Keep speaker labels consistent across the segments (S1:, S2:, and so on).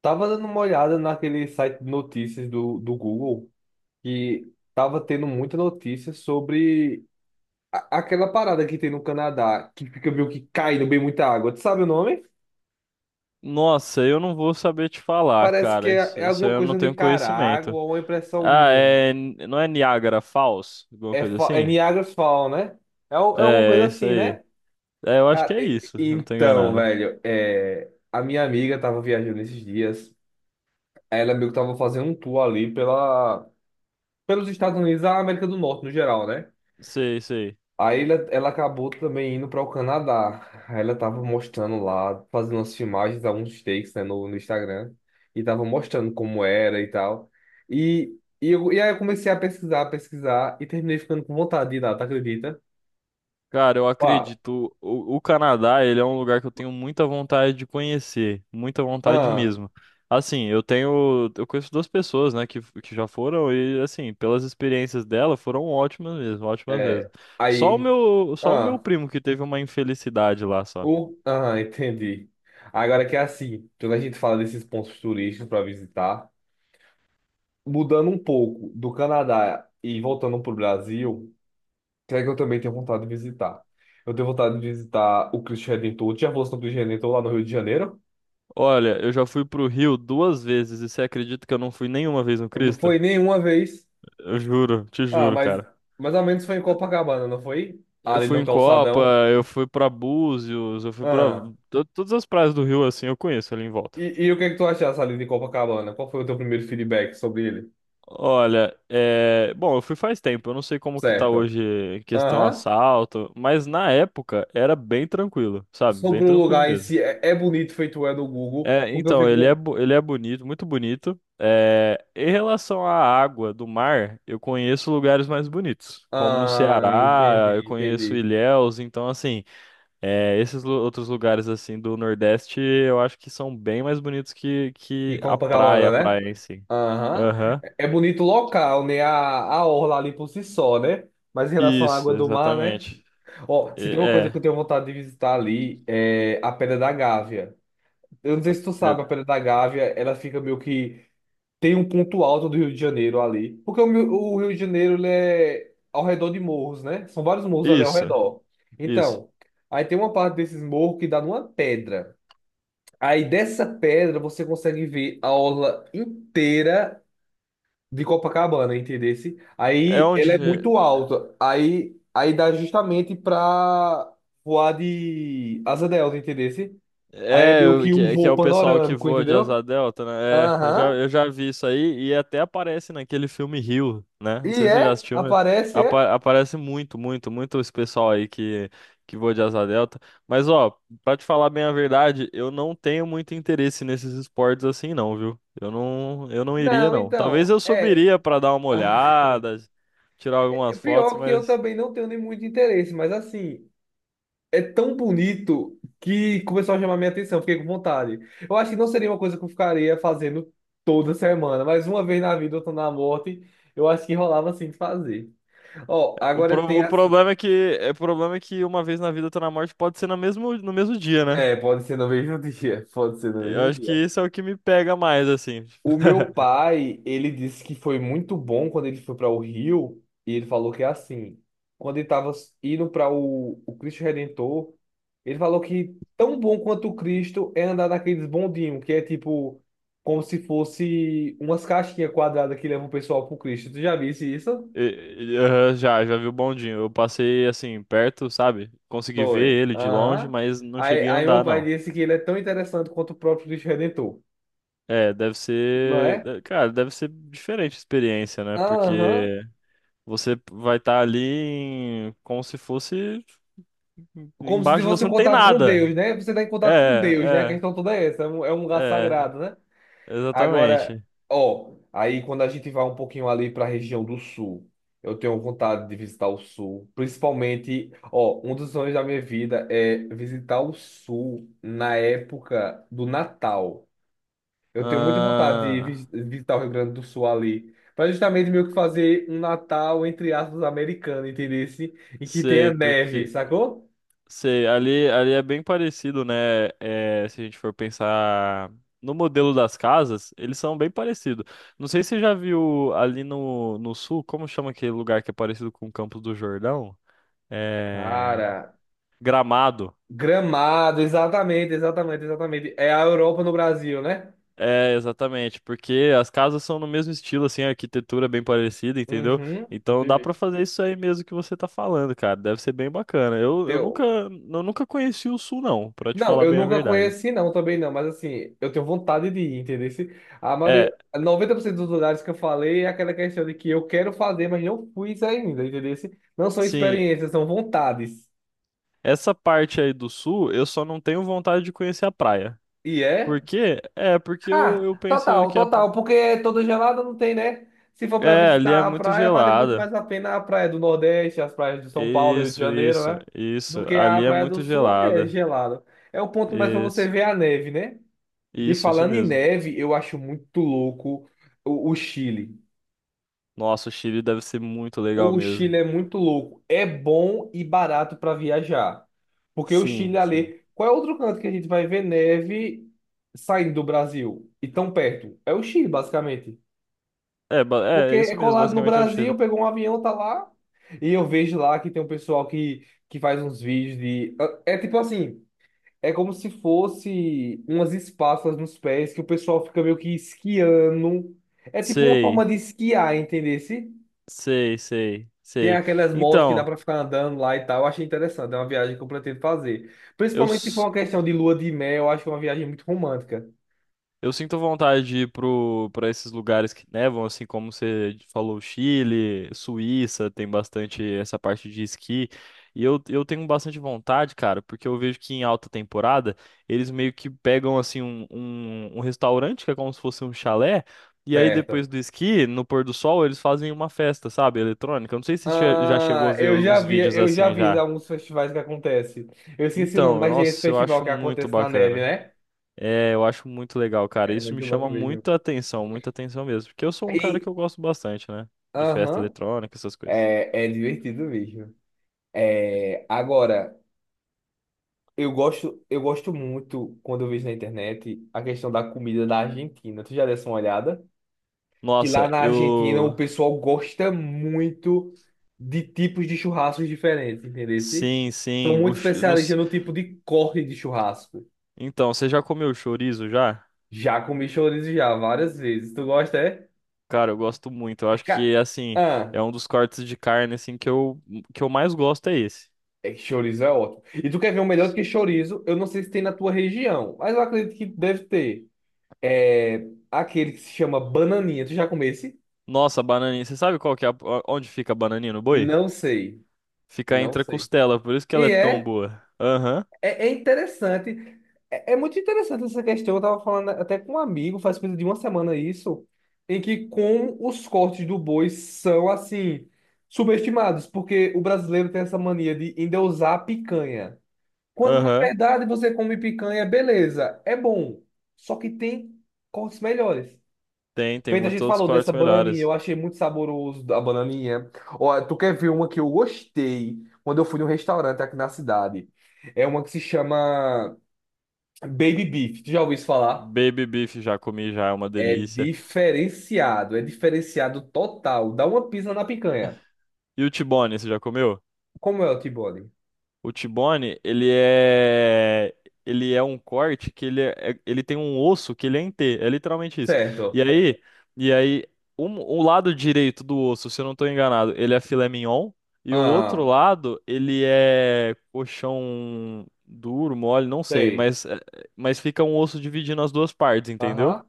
S1: Tava dando uma olhada naquele site de notícias do Google que tava tendo muita notícia sobre aquela parada que tem no Canadá, que fica meio que caindo bem muita água. Tu sabe o nome?
S2: Nossa, eu não vou saber te falar,
S1: Parece que
S2: cara. Isso,
S1: é
S2: isso
S1: alguma
S2: aí eu não
S1: coisa
S2: tenho
S1: Nicarágua
S2: conhecimento.
S1: ou uma impressão
S2: Ah,
S1: minha.
S2: é. Não é Niagara Falls? Alguma
S1: É,
S2: coisa
S1: é
S2: assim?
S1: Niagara's Fall, né? É, é uma
S2: É, é
S1: coisa
S2: isso
S1: assim,
S2: aí.
S1: né?
S2: É, eu acho que
S1: Cara,
S2: é
S1: e-
S2: isso, se eu não tô
S1: então,
S2: enganado.
S1: velho, é, a minha amiga tava viajando esses dias. Ela meio que tava fazendo um tour ali pela, pelos Estados Unidos, e a América do Norte no geral, né?
S2: Sei, sei.
S1: Aí ela acabou também indo para o Canadá. Aí ela tava mostrando lá, fazendo as filmagens, alguns takes, né, no Instagram. E tava mostrando como era e tal. E aí eu comecei a pesquisar e terminei ficando com vontade de ir lá, tu acredita?
S2: Cara, eu
S1: Ó,
S2: acredito. O Canadá, ele é um lugar que eu tenho muita vontade de conhecer, muita vontade
S1: ah,
S2: mesmo. Assim, eu conheço duas pessoas, né, que já foram e assim, pelas experiências dela, foram ótimas mesmo, ótimas
S1: é,
S2: mesmo.
S1: aí,
S2: Só o meu
S1: ah,
S2: primo que teve uma infelicidade lá só.
S1: o, ah, entendi. Agora que é assim, quando a gente fala desses pontos turísticos para visitar, mudando um pouco do Canadá e voltando para o Brasil. Que é que eu também tenho vontade de visitar. Eu tenho vontade de visitar o Cristo Redentor. Tu já fosse no Cristo Redentor lá no Rio de Janeiro?
S2: Olha, eu já fui pro Rio duas vezes e você acredita que eu não fui nenhuma vez no
S1: Não foi
S2: Crista.
S1: nenhuma vez.
S2: Eu juro, te
S1: Ah,
S2: juro,
S1: mas
S2: cara.
S1: mais ou menos foi em Copacabana, não foi?
S2: Eu
S1: Ali
S2: fui
S1: no
S2: em Copa,
S1: calçadão.
S2: eu fui pra Búzios, eu fui pra
S1: Ah.
S2: todas as praias do Rio assim, eu conheço ali em volta.
S1: E o que é que tu achaste ali de Copacabana? Qual foi o teu primeiro feedback sobre ele?
S2: Olha, bom, eu fui faz tempo, eu não sei como que tá
S1: Certo.
S2: hoje em questão
S1: Aham.
S2: assalto, mas na época era bem tranquilo, sabe? Bem
S1: Sobre o
S2: tranquilo
S1: lugar em
S2: mesmo.
S1: si, é bonito feito é do Google,
S2: É,
S1: porque eu
S2: então,
S1: fico.
S2: ele é bonito, muito bonito. É, em relação à água do mar, eu conheço lugares mais bonitos, como no
S1: Ah,
S2: Ceará, eu
S1: entendi,
S2: conheço
S1: entendi.
S2: Ilhéus, então assim, é, outros lugares assim do Nordeste eu acho que são bem mais bonitos
S1: E
S2: que a
S1: Copacabana, né?
S2: praia em si.
S1: Aham.
S2: Aham.
S1: É é bonito o local, né? A orla ali por si só, né? Mas em relação à
S2: Isso,
S1: água do mar, né?
S2: exatamente.
S1: Ó, se tem uma coisa que eu
S2: É.
S1: tenho vontade de visitar ali, é a Pedra da Gávea. Eu não sei se tu
S2: é-
S1: sabe, a Pedra da Gávea, ela fica meio que... Tem um ponto alto do Rio de Janeiro ali. Porque o Rio de Janeiro, ele é ao redor de morros, né? São vários morros ali ao
S2: Isso,
S1: redor.
S2: isso.
S1: Então, aí tem uma parte desses morros que dá numa pedra. Aí dessa pedra você consegue ver a orla inteira de Copacabana, entendesse?
S2: É
S1: Aí ela é
S2: onde.
S1: muito alta. Aí dá justamente pra voar de asa delta, entendesse? Aí é
S2: É,
S1: meio que um
S2: que é
S1: voo
S2: o pessoal que
S1: panorâmico,
S2: voa de
S1: entendeu?
S2: asa delta, né? É,
S1: Aham.
S2: eu já vi isso aí e até aparece naquele filme Rio, né? Não
S1: E
S2: sei se você já
S1: é?
S2: assistiu, mas
S1: Aparece, é?
S2: aparece muito, muito, muito esse pessoal aí que voa de asa delta. Mas, ó, pra te falar bem a verdade, eu não tenho muito interesse nesses esportes assim, não, viu? Eu não iria,
S1: Não,
S2: não. Talvez
S1: então,
S2: eu
S1: é.
S2: subiria pra dar uma olhada, tirar
S1: É
S2: algumas fotos,
S1: pior que eu
S2: mas
S1: também não tenho nem muito interesse, mas assim, é tão bonito que começou a chamar minha atenção, fiquei com vontade. Eu acho que não seria uma coisa que eu ficaria fazendo toda semana, mas uma vez na vida, outra na morte, eu acho que rolava assim de fazer. Ó, agora tem
S2: o
S1: assim.
S2: problema é que, é, o problema é que uma vez na vida, outra na morte pode ser no mesmo dia, né?
S1: É, pode ser no mesmo dia, pode ser no
S2: Eu
S1: mesmo
S2: acho que
S1: dia.
S2: isso é o que me pega mais, assim.
S1: O meu pai, ele disse que foi muito bom quando ele foi para o Rio, e ele falou que é assim, quando ele estava indo para o Cristo Redentor, ele falou que tão bom quanto o Cristo é andar naqueles bondinhos, que é tipo, como se fosse umas caixinhas quadradas que levam o pessoal pro Cristo. Tu já visse isso?
S2: Aham, já vi o bondinho. Eu passei, assim, perto, sabe? Consegui ver
S1: Foi.
S2: ele de longe,
S1: Aham.
S2: mas não
S1: Aí,
S2: cheguei a
S1: aí meu
S2: andar,
S1: pai
S2: não.
S1: disse que ele é tão interessante quanto o próprio Cristo Redentor,
S2: É, deve
S1: não
S2: ser.
S1: é?
S2: Cara, deve ser diferente a experiência, né?
S1: Aham.
S2: Porque você vai como se fosse.
S1: Como se
S2: Embaixo de
S1: fosse
S2: você
S1: um
S2: não tem
S1: contato com Deus,
S2: nada.
S1: né? Você está em contato com Deus, né? A
S2: É,
S1: questão toda é essa. É um lugar
S2: é,
S1: sagrado, né?
S2: é.
S1: Agora,
S2: Exatamente.
S1: ó, aí quando a gente vai um pouquinho ali para a região do sul, eu tenho vontade de visitar o sul. Principalmente, ó, um dos sonhos da minha vida é visitar o sul na época do Natal. Eu tenho muita vontade de
S2: Ah,
S1: visitar o Rio Grande do Sul ali. Para justamente meio que fazer um Natal, entre aspas, americano, entendesse? Em que
S2: sei,
S1: tenha neve,
S2: porque.
S1: sacou?
S2: Sei, ali é bem parecido, né? É, se a gente for pensar no modelo das casas, eles são bem parecidos. Não sei se você já viu ali no sul, como chama aquele lugar que é parecido com o Campos do Jordão? É...
S1: Cara.
S2: Gramado.
S1: Gramado, exatamente, exatamente, exatamente. É a Europa no Brasil, né?
S2: É, exatamente, porque as casas são no mesmo estilo, assim, a arquitetura é bem parecida, entendeu?
S1: Uhum,
S2: Então dá
S1: entendi.
S2: pra fazer isso aí mesmo que você tá falando, cara. Deve ser bem bacana.
S1: Teu.
S2: Eu nunca conheci o sul, não, pra te
S1: Não,
S2: falar
S1: eu
S2: bem a
S1: nunca
S2: verdade.
S1: conheci, não, também não, mas assim, eu tenho vontade de ir, entendeu? A maioria,
S2: É,
S1: 90% dos lugares que eu falei é aquela questão de que eu quero fazer, mas não fui ainda, entendeu? Não são
S2: sim,
S1: experiências, são vontades.
S2: essa parte aí do sul, eu só não tenho vontade de conhecer a praia.
S1: E
S2: Por
S1: é?
S2: quê? É, porque
S1: Ah,
S2: eu penso
S1: total,
S2: que a...
S1: total, porque toda gelada não tem, né? Se for para
S2: É, ali é
S1: visitar a
S2: muito
S1: praia, vale muito
S2: gelada.
S1: mais a pena a praia do Nordeste, as praias de São Paulo, Rio de
S2: Isso,
S1: Janeiro,
S2: isso,
S1: né? Do
S2: isso.
S1: que a
S2: Ali é
S1: praia do
S2: muito
S1: Sul é
S2: gelada.
S1: gelado. É o ponto mais para você
S2: Isso,
S1: ver a neve, né? E
S2: isso
S1: falando em
S2: mesmo.
S1: neve, eu acho muito louco o Chile.
S2: Nossa, o Chile deve ser muito legal
S1: O
S2: mesmo.
S1: Chile é muito louco. É bom e barato para viajar. Porque o Chile
S2: Sim, sim.
S1: ali. Qual é outro canto que a gente vai ver neve saindo do Brasil e tão perto? É o Chile, basicamente.
S2: É,
S1: Porque
S2: é, é
S1: é
S2: isso mesmo,
S1: colado no
S2: basicamente é o Chile.
S1: Brasil, pegou um avião, tá lá. E eu vejo lá que tem um pessoal que faz uns vídeos de. É tipo assim, é como se fosse umas espátulas nos pés que o pessoal fica meio que esquiando. É tipo uma forma
S2: Sei,
S1: de esquiar, entendesse?
S2: sei, sei,
S1: Tem
S2: sei.
S1: aquelas motos que dá
S2: Então,
S1: pra ficar andando lá e tal. Eu achei interessante, é uma viagem que eu pretendo fazer.
S2: eu,
S1: Principalmente se for uma questão de lua de mel, eu acho que é uma viagem muito romântica.
S2: Eu sinto vontade de ir pra esses lugares que nevam, assim como você falou, Chile, Suíça, tem bastante essa parte de esqui. E eu tenho bastante vontade, cara, porque eu vejo que em alta temporada eles meio que pegam assim um restaurante que é como se fosse um chalé, e aí depois
S1: Certo.
S2: do esqui, no pôr do sol, eles fazem uma festa, sabe, eletrônica. Eu não sei se você já chegou a
S1: Ah,
S2: ver uns vídeos
S1: eu já
S2: assim
S1: vi
S2: já.
S1: alguns festivais que acontecem. Eu esqueci o nome,
S2: Então,
S1: mas é esse
S2: nossa, eu
S1: festival
S2: acho
S1: que
S2: muito
S1: acontece na neve,
S2: bacana.
S1: né?
S2: É, eu acho muito legal, cara.
S1: É
S2: Isso me
S1: muito louco
S2: chama
S1: mesmo.
S2: muita atenção mesmo. Porque eu sou um cara
S1: E,
S2: que eu gosto bastante, né? De festa
S1: aham,
S2: eletrônica, essas coisas.
S1: é divertido mesmo. É, agora, eu gosto muito quando eu vejo na internet a questão da comida da Argentina. Tu já deu uma olhada? Que lá
S2: Nossa,
S1: na Argentina o
S2: eu.
S1: pessoal gosta muito de tipos de churrascos diferentes, entendeu?
S2: Sim,
S1: São
S2: sim.
S1: muito
S2: Não
S1: especialistas
S2: s-
S1: no tipo de corte de churrasco.
S2: Então, você já comeu chorizo já?
S1: Já comi chorizo já, várias vezes. Tu gosta, é?
S2: Cara, eu gosto muito. Eu acho
S1: Ca-
S2: que, assim,
S1: Ah,
S2: é um dos cortes de carne, assim, que eu mais gosto é esse.
S1: é que chorizo é ótimo. E tu quer ver um melhor do que chorizo? Eu não sei se tem na tua região, mas eu acredito que deve ter. É aquele que se chama bananinha. Tu já comeu esse?
S2: Nossa, a bananinha. Você sabe qual que é a... onde fica a bananinha no boi?
S1: Não sei.
S2: Fica
S1: Não
S2: entre a
S1: sei.
S2: costela, por isso que ela
S1: E
S2: é tão
S1: é?
S2: boa. Aham,
S1: É, é interessante. É, é muito interessante essa questão. Eu estava falando até com um amigo, faz coisa de uma semana isso, em que como os cortes do boi são, assim, subestimados, porque o brasileiro tem essa mania de endeusar a picanha. Quando, na
S2: aham.
S1: verdade, você come picanha, beleza, é bom. Só que tem cortes melhores.
S2: Tem, tem
S1: Feito, a
S2: muitos
S1: gente
S2: outros
S1: falou
S2: cortes
S1: dessa bananinha,
S2: melhores.
S1: eu achei muito saboroso a bananinha. Ó, tu quer ver uma que eu gostei quando eu fui num restaurante aqui na cidade? É uma que se chama Baby Beef. Tu já ouviu isso falar?
S2: Baby beef já comi, já é uma delícia.
S1: É diferenciado total. Dá uma pisa na picanha.
S2: E o T-bone, você já comeu?
S1: Como é o T-bone?
S2: O T-bone, ele é um corte ele tem um osso que ele é em T, é literalmente isso.
S1: Certo.
S2: E aí, e aí um... o lado direito do osso, se eu não tô enganado, ele é filé mignon e o outro
S1: Ah,
S2: lado, ele é coxão duro, mole, não sei,
S1: sei.
S2: mas mas fica um osso dividindo as duas partes, entendeu?
S1: Aham.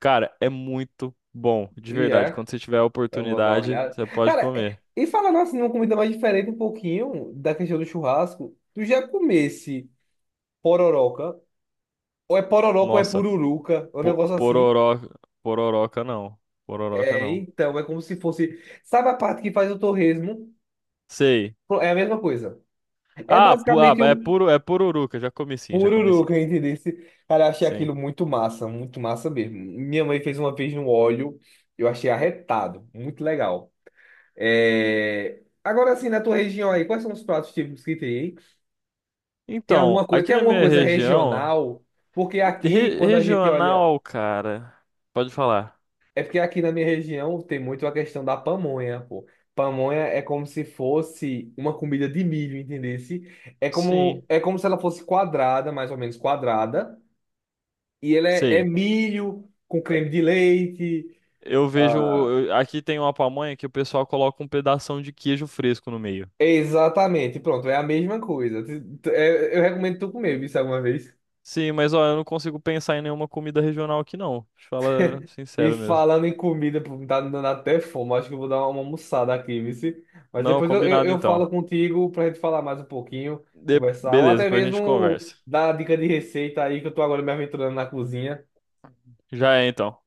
S2: Cara, é muito bom, de
S1: E
S2: verdade.
S1: é.
S2: Quando você tiver a
S1: Eu vou dar uma
S2: oportunidade,
S1: olhada.
S2: você pode
S1: Cara,
S2: comer.
S1: e falando assim, uma comida mais diferente um pouquinho da questão do churrasco, tu já comesse pororoca? Ou é pororoca ou é
S2: Nossa,
S1: pururuca, é um negócio assim.
S2: pororó, pororoca não. Pororoca
S1: É,
S2: não.
S1: então, é como se fosse. Sabe a parte que faz o torresmo?
S2: Sei.
S1: É a mesma coisa. É
S2: Ah,
S1: basicamente
S2: é
S1: um
S2: puro, é pururuca. Já comi sim, já comi sim.
S1: pururuca, entendeu? Cara, eu achei
S2: Sim.
S1: aquilo muito massa mesmo. Minha mãe fez uma vez no óleo, eu achei arretado, muito legal. É... Agora, assim, na tua região aí, quais são os pratos típicos que tem, hein?
S2: Então, aqui
S1: Tem
S2: na
S1: alguma
S2: minha
S1: coisa
S2: região,
S1: regional? Porque aqui, quando a gente olha.
S2: regional, cara. Pode falar.
S1: É porque aqui na minha região tem muito a questão da pamonha, pô. Pamonha é como se fosse uma comida de milho, entendesse?
S2: Sim,
S1: É como se ela fosse quadrada, mais ou menos quadrada, e ela é
S2: sei.
S1: milho com creme de leite.
S2: Eu vejo,
S1: Ah,
S2: aqui tem uma pamonha que o pessoal coloca um pedação de queijo fresco no meio.
S1: exatamente, pronto, é a mesma coisa. Eu recomendo tu comer isso alguma vez.
S2: Sim, mas ó, eu não consigo pensar em nenhuma comida regional aqui não. Te falar
S1: E
S2: sincero mesmo.
S1: falando em comida, pô, tá me dando até fome. Acho que eu vou dar uma almoçada aqui, vice. Mas
S2: Não,
S1: depois
S2: combinado
S1: eu
S2: então.
S1: falo contigo pra gente falar mais um pouquinho, conversar, ou
S2: Beleza,
S1: até
S2: depois a gente
S1: mesmo
S2: conversa.
S1: dar dica de receita aí, que eu tô agora me aventurando na cozinha.
S2: Já é então.